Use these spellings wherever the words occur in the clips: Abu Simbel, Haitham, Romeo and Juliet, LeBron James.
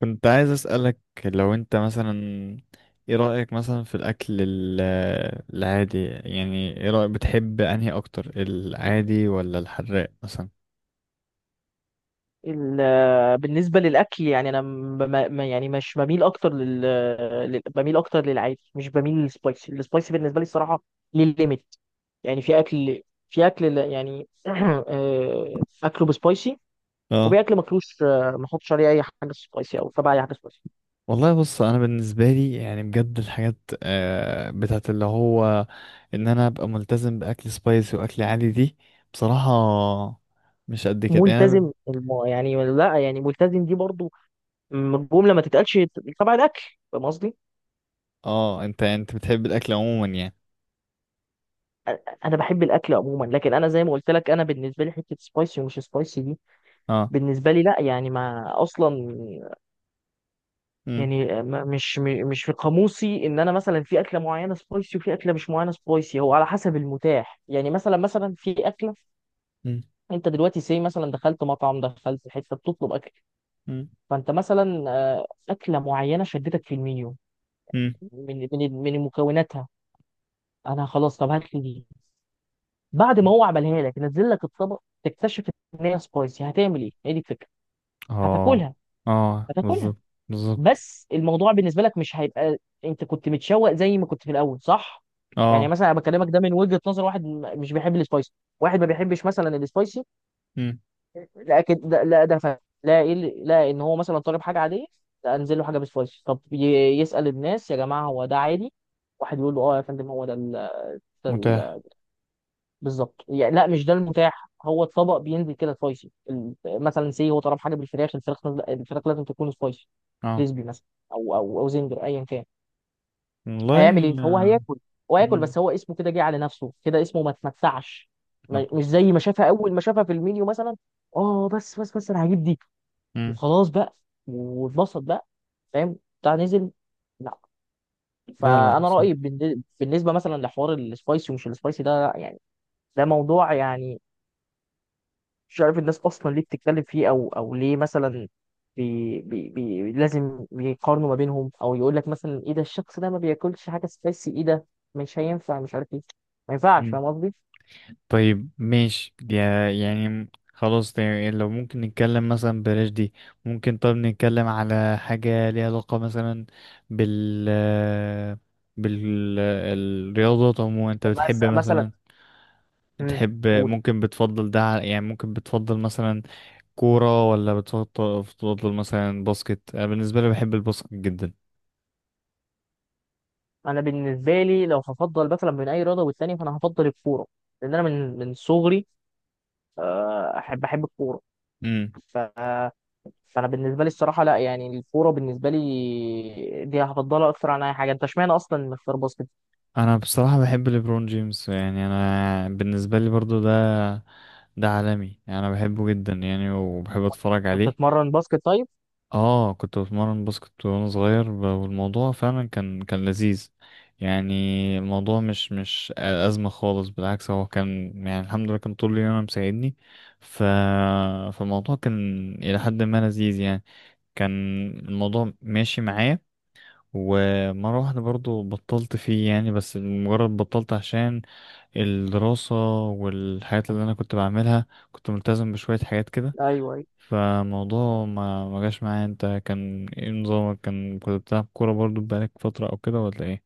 كنت عايز أسألك لو انت مثلا ايه رأيك مثلا في الأكل العادي؟ يعني ايه رأيك، بتحب انهي اكتر، العادي ولا الحراق مثلا؟ بالنسبة للأكل، يعني أنا يعني مش بميل أكتر بميل أكتر للعادي، مش بميل للسبايسي. السبايسي بالنسبة لي الصراحة للليميت. يعني في أكل يعني آه، أكله بسبايسي، اه وفي أكل ماكلوش. آه، ما أحطش عليه أي حاجة سبايسي أو تبع أي حاجة سبايسي. والله بص انا بالنسبة لي يعني بجد الحاجات بتاعت اللي هو ان انا ابقى ملتزم بأكل سبايسي وأكل عادي دي بصراحة مش قد كده. يعني يعني لا، يعني ملتزم دي برضو جملة ما تتقالش تبع الأكل. فاهم قصدي؟ اه، انت بتحب الأكل عموما يعني؟ أ- أنا بحب الأكل عموما، لكن أنا زي ما قلت لك، أنا بالنسبة لي حتة سبايسي ومش سبايسي دي اه. بالنسبة لي لا. يعني ما أصلا امم. يعني مش في قاموسي إن أنا مثلا في أكلة معينة سبايسي وفي أكلة مش معينة سبايسي. هو على حسب المتاح. يعني مثلا في أكلة، امم. أنت دلوقتي سي مثلا دخلت مطعم، دخلت حتة بتطلب أكل، فأنت مثلا أكلة معينة شدتك في المنيو، امم. من مكوناتها. أنا خلاص، طب هات لي دي. بعد ما هو عملها لك، نزل لك الطبق، تكتشف إن هي سبايسي. هتعمل إيه؟ هي دي الفكرة. اه. هتاكلها. اه، هتاكلها، بالظبط. بالظبط. بس الموضوع بالنسبه لك مش هيبقى انت كنت متشوق زي ما كنت في الاول، صح؟ يعني اه. مثلا انا بكلمك ده من وجهه نظر واحد مش بيحب السبايسي، واحد ما بيحبش مثلا السبايسي. مم. لكن ده لا، ده فاهم. لا، لا، ان هو مثلا طالب حاجه عاديه، لا انزل له حاجه بسبايسي. طب يسال الناس يا جماعه هو ده عادي؟ واحد يقول له اه يا فندم هو ده ال... ده متاح. ال... بالظبط. يعني لا، مش ده المتاح. هو الطبق بينزل كده سبايسي. مثلا سي هو طلب حاجه بالفراخ. الفراخ، لازم تكون سبايسي، اه. كريسبي مثلا، او زنجر ايا كان. والله. هيعمل ايه؟ هو آه. هياكل. هو هياكل، مم. بس هو اسمه كده، جه على نفسه كده، اسمه ما اتمتعش. مش مت- زي ما شافها اول ما شافها في المنيو مثلا. اه، بس انا هجيب دي مم. وخلاص بقى، واتبسط بقى. فاهم بتاع نزل؟ لا. لا لا، فانا صح. رايي بالنسبه مثلا لحوار السبايسي ومش السبايسي ده، يعني ده موضوع، يعني مش عارف الناس اصلا ليه بتتكلم فيه، او ليه مثلا بي بي بي لازم يقارنوا ما بينهم، او يقول لك مثلا ايه ده، الشخص ده ما بياكلش حاجه سبايسي، ايه ده، مش هينفع، مش عارف ايه، ما ينفعش. مم. فاهم قصدي؟ طيب ماشي يعني خلاص ده، يعني لو ممكن نتكلم مثلا بلاش دي. ممكن طب نتكلم على حاجة ليها علاقة مثلا بال بالرياضات عموما، انت بتحب مثلا. مثلا امم. تحب؟ قول. ممكن بتفضل يعني ممكن بتفضل مثلا كورة ولا بتفضل بتفضل مثلا باسكت؟ أنا بالنسبة لي بحب الباسكت جدا. انا بالنسبه لي لو هفضل مثلا بين اي رياضه والتانيه، فانا هفضل الكوره، لان انا من صغري احب الكوره. ف فانا بالنسبه لي الصراحه لا، يعني الكوره بالنسبه لي دي هفضلها اكتر عن اي حاجه. انت اشمعنى اصلا مختار باسكت؟ انا بصراحة بحب ليبرون جيمس، يعني انا بالنسبة لي برضو ده ده عالمي يعني، انا بحبه جدا يعني وبحب اتفرج أنت عليه. بتتمرن باسكت طيب؟ اه كنت بتمرن باسكت وانا صغير والموضوع فعلا كان لذيذ يعني. الموضوع مش أزمة خالص، بالعكس هو كان يعني الحمد لله كان طول اليوم أنا مساعدني. ف... فالموضوع كان إلى حد ما لذيذ يعني، كان الموضوع ماشي معايا. ومرة واحدة برضو بطلت فيه يعني، بس مجرد بطلت عشان الدراسة والحاجات اللي أنا كنت بعملها. كنت ملتزم بشوية حاجات كده، ايوه. فالموضوع ما جاش معايا. انت كان ايه نظامك؟ كان كنت بتلعب كورة برضو بقالك فترة أو كده ولا ايه؟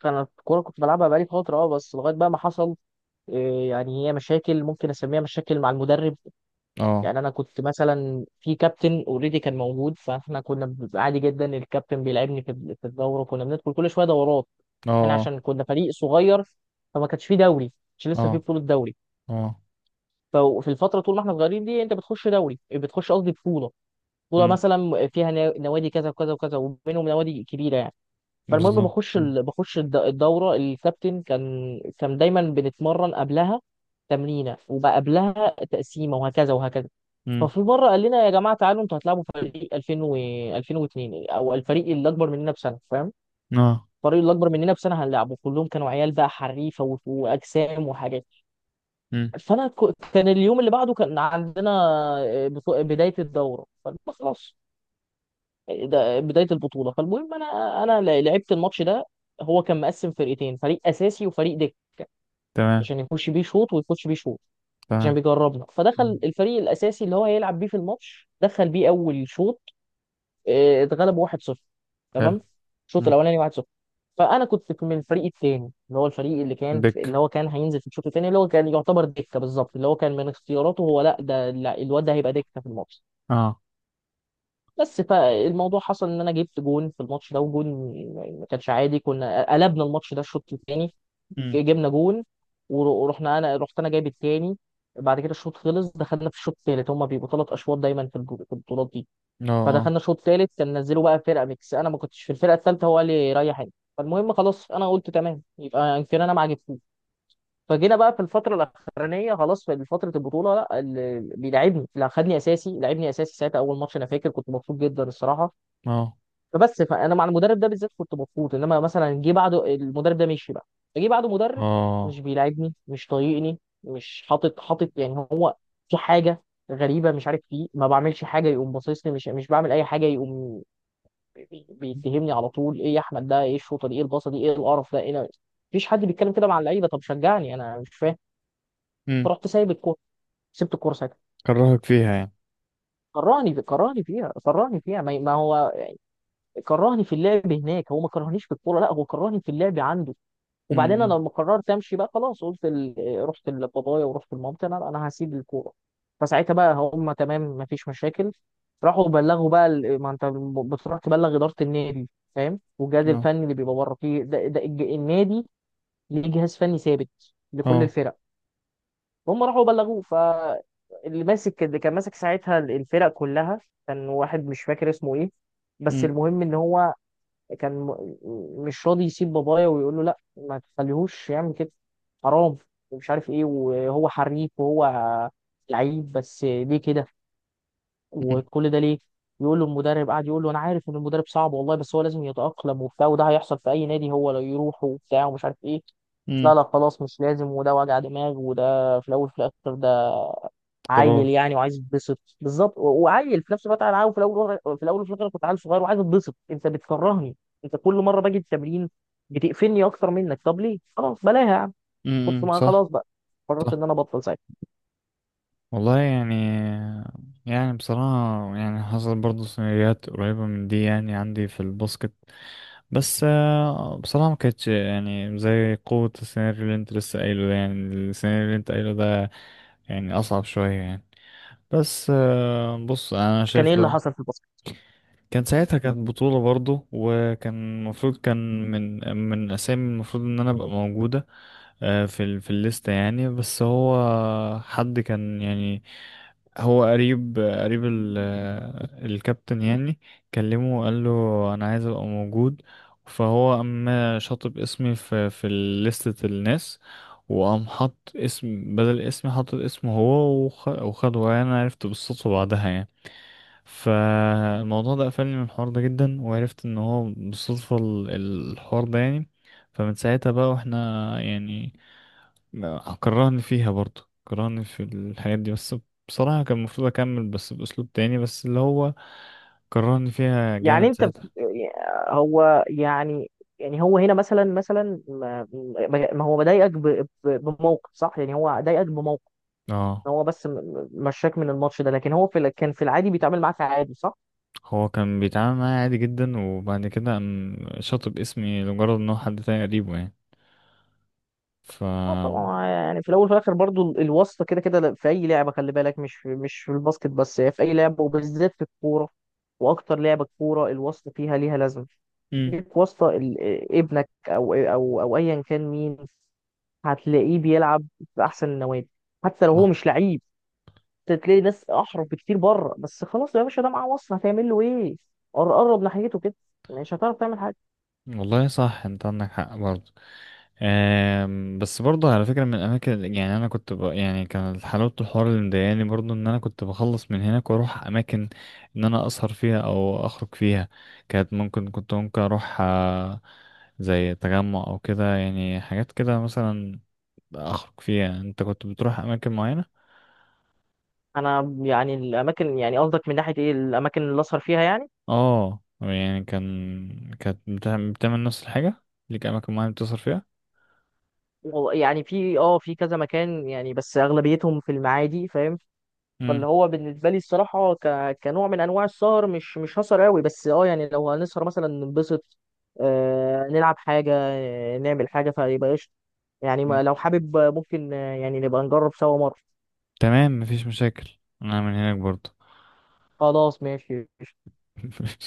فانا الكوره كنت بلعبها بقالي فتره، اه، بس لغايه بقى ما حصل إيه، يعني هي مشاكل، ممكن اسميها مشاكل مع المدرب. اه. يعني انا كنت مثلا في كابتن اوريدي كان موجود، فاحنا كنا بنبقى عادي جدا. الكابتن بيلعبني في الدوره، كنا بندخل كل شويه دورات احنا اه. عشان كنا فريق صغير. فما كانش فيه دوري، مش اه. لسه فيه بطوله دوري. اه. اه. ففي الفتره طول ما احنا صغيرين دي، انت بتخش دوري، بتخش قصدي بطوله. بطوله امم. مثلا فيها نوادي كذا وكذا وكذا، وبينهم نوادي كبيره يعني. فالمهم بالظبط، بخش امم. ال... بخش الد- الدوره. الكابتن كان دايما بنتمرن قبلها تمرينه، وبقى قبلها تقسيمه، وهكذا وهكذا. امم. ففي مره قال لنا يا جماعه تعالوا انتوا هتلعبوا فريق 2000 و 2002، او الفريق اللي اكبر مننا بسنه، فاهم، اه. الفريق اللي اكبر مننا بسنه هنلعبه. كلهم كانوا عيال بقى حريفه واجسام وحاجات. امم. فانا كان اليوم اللي بعده كان عندنا بدايه الدوره. فقلنا خلاص، ده بدايه البطوله. فالمهم انا، لعبت الماتش ده. هو كان مقسم فرقتين، فريق اساسي وفريق دك، تمام. عشان يخش بيه شوط ويخش بيه شوط، عشان تمام. بيجربنا. فدخل امم. الفريق الاساسي اللي هو هيلعب بيه في الماتش، دخل بيه اول شوط. آه، اتغلب 1-0. حلو. تمام. الشوط امم. الاولاني 1-0. فانا كنت من الفريق الثاني، اللي هو الفريق اللي كان، دك، اللي هو كان هينزل في الشوط الثاني، اللي هو كان يعتبر دكه بالظبط، اللي هو كان من اختياراته هو، لا ده، لا، الواد ده هيبقى دكه في الماتش اه. بس. فالموضوع حصل ان انا جبت جون في الماتش ده، وجون ما كانش عادي. كنا قلبنا الماتش ده الشوط الثاني، امم. جبنا جون ورحنا، انا رحت انا جايب الثاني. بعد كده الشوط خلص، دخلنا في الشوط الثالث، هما بيبقوا ثلاث اشواط دايما في في البطولات دي. اه. فدخلنا الشوط الثالث، كان نزلوا بقى فرقه ميكس. انا ما كنتش في الفرقه الثالثه، هو قال لي ريح انت. فالمهم خلاص، انا قلت تمام، يبقى يمكن انا ما عجبتوش. فجينا بقى في الفتره الاخرانيه، خلاص في فتره البطوله، لا اللي بيلعبني، لا خدني اساسي، لعبني اساسي ساعتها. اول ماتش انا فاكر كنت مبسوط جدا الصراحه. اه. فانا مع المدرب ده بالذات كنت مبسوط، انما مثلا جه بعده، المدرب ده مشي بقى، جه بعده مدرب مش اه. بيلاعبني، مش طايقني، مش حاطط يعني. هو في حاجه غريبه مش عارف فيه. ما بعملش حاجه يقوم باصصني، مش بعمل اي حاجه يقوم بيتهمني على طول. ايه يا احمد ده، ايه الشوطه دي، ايه الباصه دي، ايه القرف ده، ايه ده؟ مفيش حد بيتكلم كده مع اللعيبه. طب شجعني، انا مش فاهم. اه. فرحت سايب الكوره. سبت الكوره ساعتها. كرهك فيها يعني. كرهني فيها، كرهني فيها. ما ما هو كرهني في اللعب هناك، هو ما كرهنيش في الكوره، لا هو كرهني في اللعب عنده. وبعدين انا امم. لما قررت امشي بقى، خلاص قلت رحت لبابايا ورحت لمامتي، انا هسيب الكوره. فساعتها بقى هم تمام، مفيش مشاكل. راحوا بلغوا بقى ما انت بتروح تبلغ اداره النادي، فاهم، والجهاز اه. الفني اللي بيبقى بره فيه ده، ده النادي ليه جهاز فني ثابت لكل اه. الفرق. هم راحوا بلغوه ف اللي ماسك، اللي كان ماسك ساعتها الفرق كلها، كان واحد مش فاكر اسمه ايه، بس امم. المهم ان هو كان مش راضي يسيب بابايا، ويقول له لا ما تخليهوش يعمل كده، حرام، ومش عارف ايه، وهو حريف وهو لعيب، بس ليه كده، وكل ده ليه. يقول له المدرب، قاعد يقول له انا عارف ان المدرب صعب والله، بس هو لازم يتأقلم وبتاع، وده هيحصل في اي نادي هو لو يروح وبتاع، ومش عارف ايه. امم. لا لا خلاص، مش لازم، وده وجع دماغ، وده في الاول في الاخر ده قرار. عيل يعني وعايز يتبسط بالظبط، وعيل في نفس الوقت. انا عاوز في الاول في الاول وفي الاخر كنت عيل صغير وعايز اتبسط، انت بتكرهني. انت كل مره باجي التمرين بتقفلني اكتر منك. طب ليه، خلاص بلاها يا عم. كنت امم، ما صح. خلاص بقى، قررت صح. ان انا ابطل ساعتها. والله يعني، يعني بصراحة يعني حصل برضه سيناريوهات قريبة من دي يعني عندي في الباسكت، بس بصراحة ما كانتش يعني زي قوة السيناريو اللي انت لسه قايله ده، يعني السيناريو اللي انت قايله ده يعني أصعب شوية يعني. بس بص أنا كان ايه شايف اللي لو حصل في الباسكت؟ كان ساعتها كانت بطولة برضه، وكان المفروض كان من الأسامي المفروض إن أنا أبقى موجودة في في الليستة يعني. بس هو حد كان يعني هو قريب الكابتن يعني، كلمه وقال له أنا عايز أبقى موجود، فهو قام شاطب اسمي في لستة الناس، وقام حط اسم بدل اسمي، حط اسمه هو وخده يعني. أنا عرفت بالصدفة بعدها يعني. فالموضوع ده قفلني من الحوار ده جدا، وعرفت ان هو بالصدفة الحوار ده يعني. فمن ساعتها بقى واحنا يعني كرهني فيها برضه، كرهني في الحاجات دي. بس بصراحة كان المفروض اكمل بس باسلوب تاني، بس اللي هو كرهني فيها يعني جامد انت بت- ساعتها. هو يعني يعني هو هنا مثلا ما هو بضايقك بموقف، صح؟ يعني هو ضايقك بموقف، اه هو بس مشاك من الماتش ده، لكن هو في كان في العادي بيتعامل معاك عادي، صح؟ هو كان بيتعامل معايا عادي جدا، وبعد كده قام شاطب اسمي لمجرد ان هو حد تاني قريبه يعني. ف اه طبعا، آه يعني في الاول وفي الاخر برضو الواسطه كده كده في اي لعبه، خلي بالك مش في الباسكت بس، هي في اي لعبه، وبالذات في الكوره، واكتر لعبه كوره الواسطه فيها ليها لازمه. امم، ليك واسطه، ابنك او ايا كان مين، هتلاقيه بيلعب في احسن النوادي حتى لو هو صح. مش لعيب. تلاقي ناس احرف بكتير بره، بس خلاص يا باشا ده معاه، وصل هتعمل له ايه. قرب ناحيته كده، مش هتعرف تعمل حاجه. والله صح، انت عندك حق برضه. بس برضه على فكرة من الأماكن يعني أنا يعني كان حلاوة الحوار اللي مضايقاني برضه إن أنا كنت بخلص من هناك وأروح أماكن إن أنا أسهر فيها أو أخرج فيها. كانت ممكن، كنت ممكن أروح زي تجمع أو كده يعني، حاجات كده مثلا أخرج فيها. أنت كنت بتروح أماكن معينة؟ انا يعني الاماكن، يعني قصدك من ناحيه ايه، الاماكن اللي اسهر فيها يعني؟ آه يعني كان كانت بتعمل نفس الحاجة؟ ليك أماكن معينة بتسهر فيها؟ والله يعني في اه في كذا مكان، يعني بس اغلبيتهم في المعادي، فاهم. فاللي مم. هو بالنسبه لي الصراحه كنوع من انواع السهر، مش هسهر قوي، بس اه يعني لو هنسهر مثلا ننبسط، آه نلعب حاجه، آه نعمل حاجه، فيبقى قشطه. يعني ما مم. لو حابب ممكن، يعني نبقى نجرب سوا مره. تمام مفيش مشاكل أنا من هناك برضه. خلاص ماشي.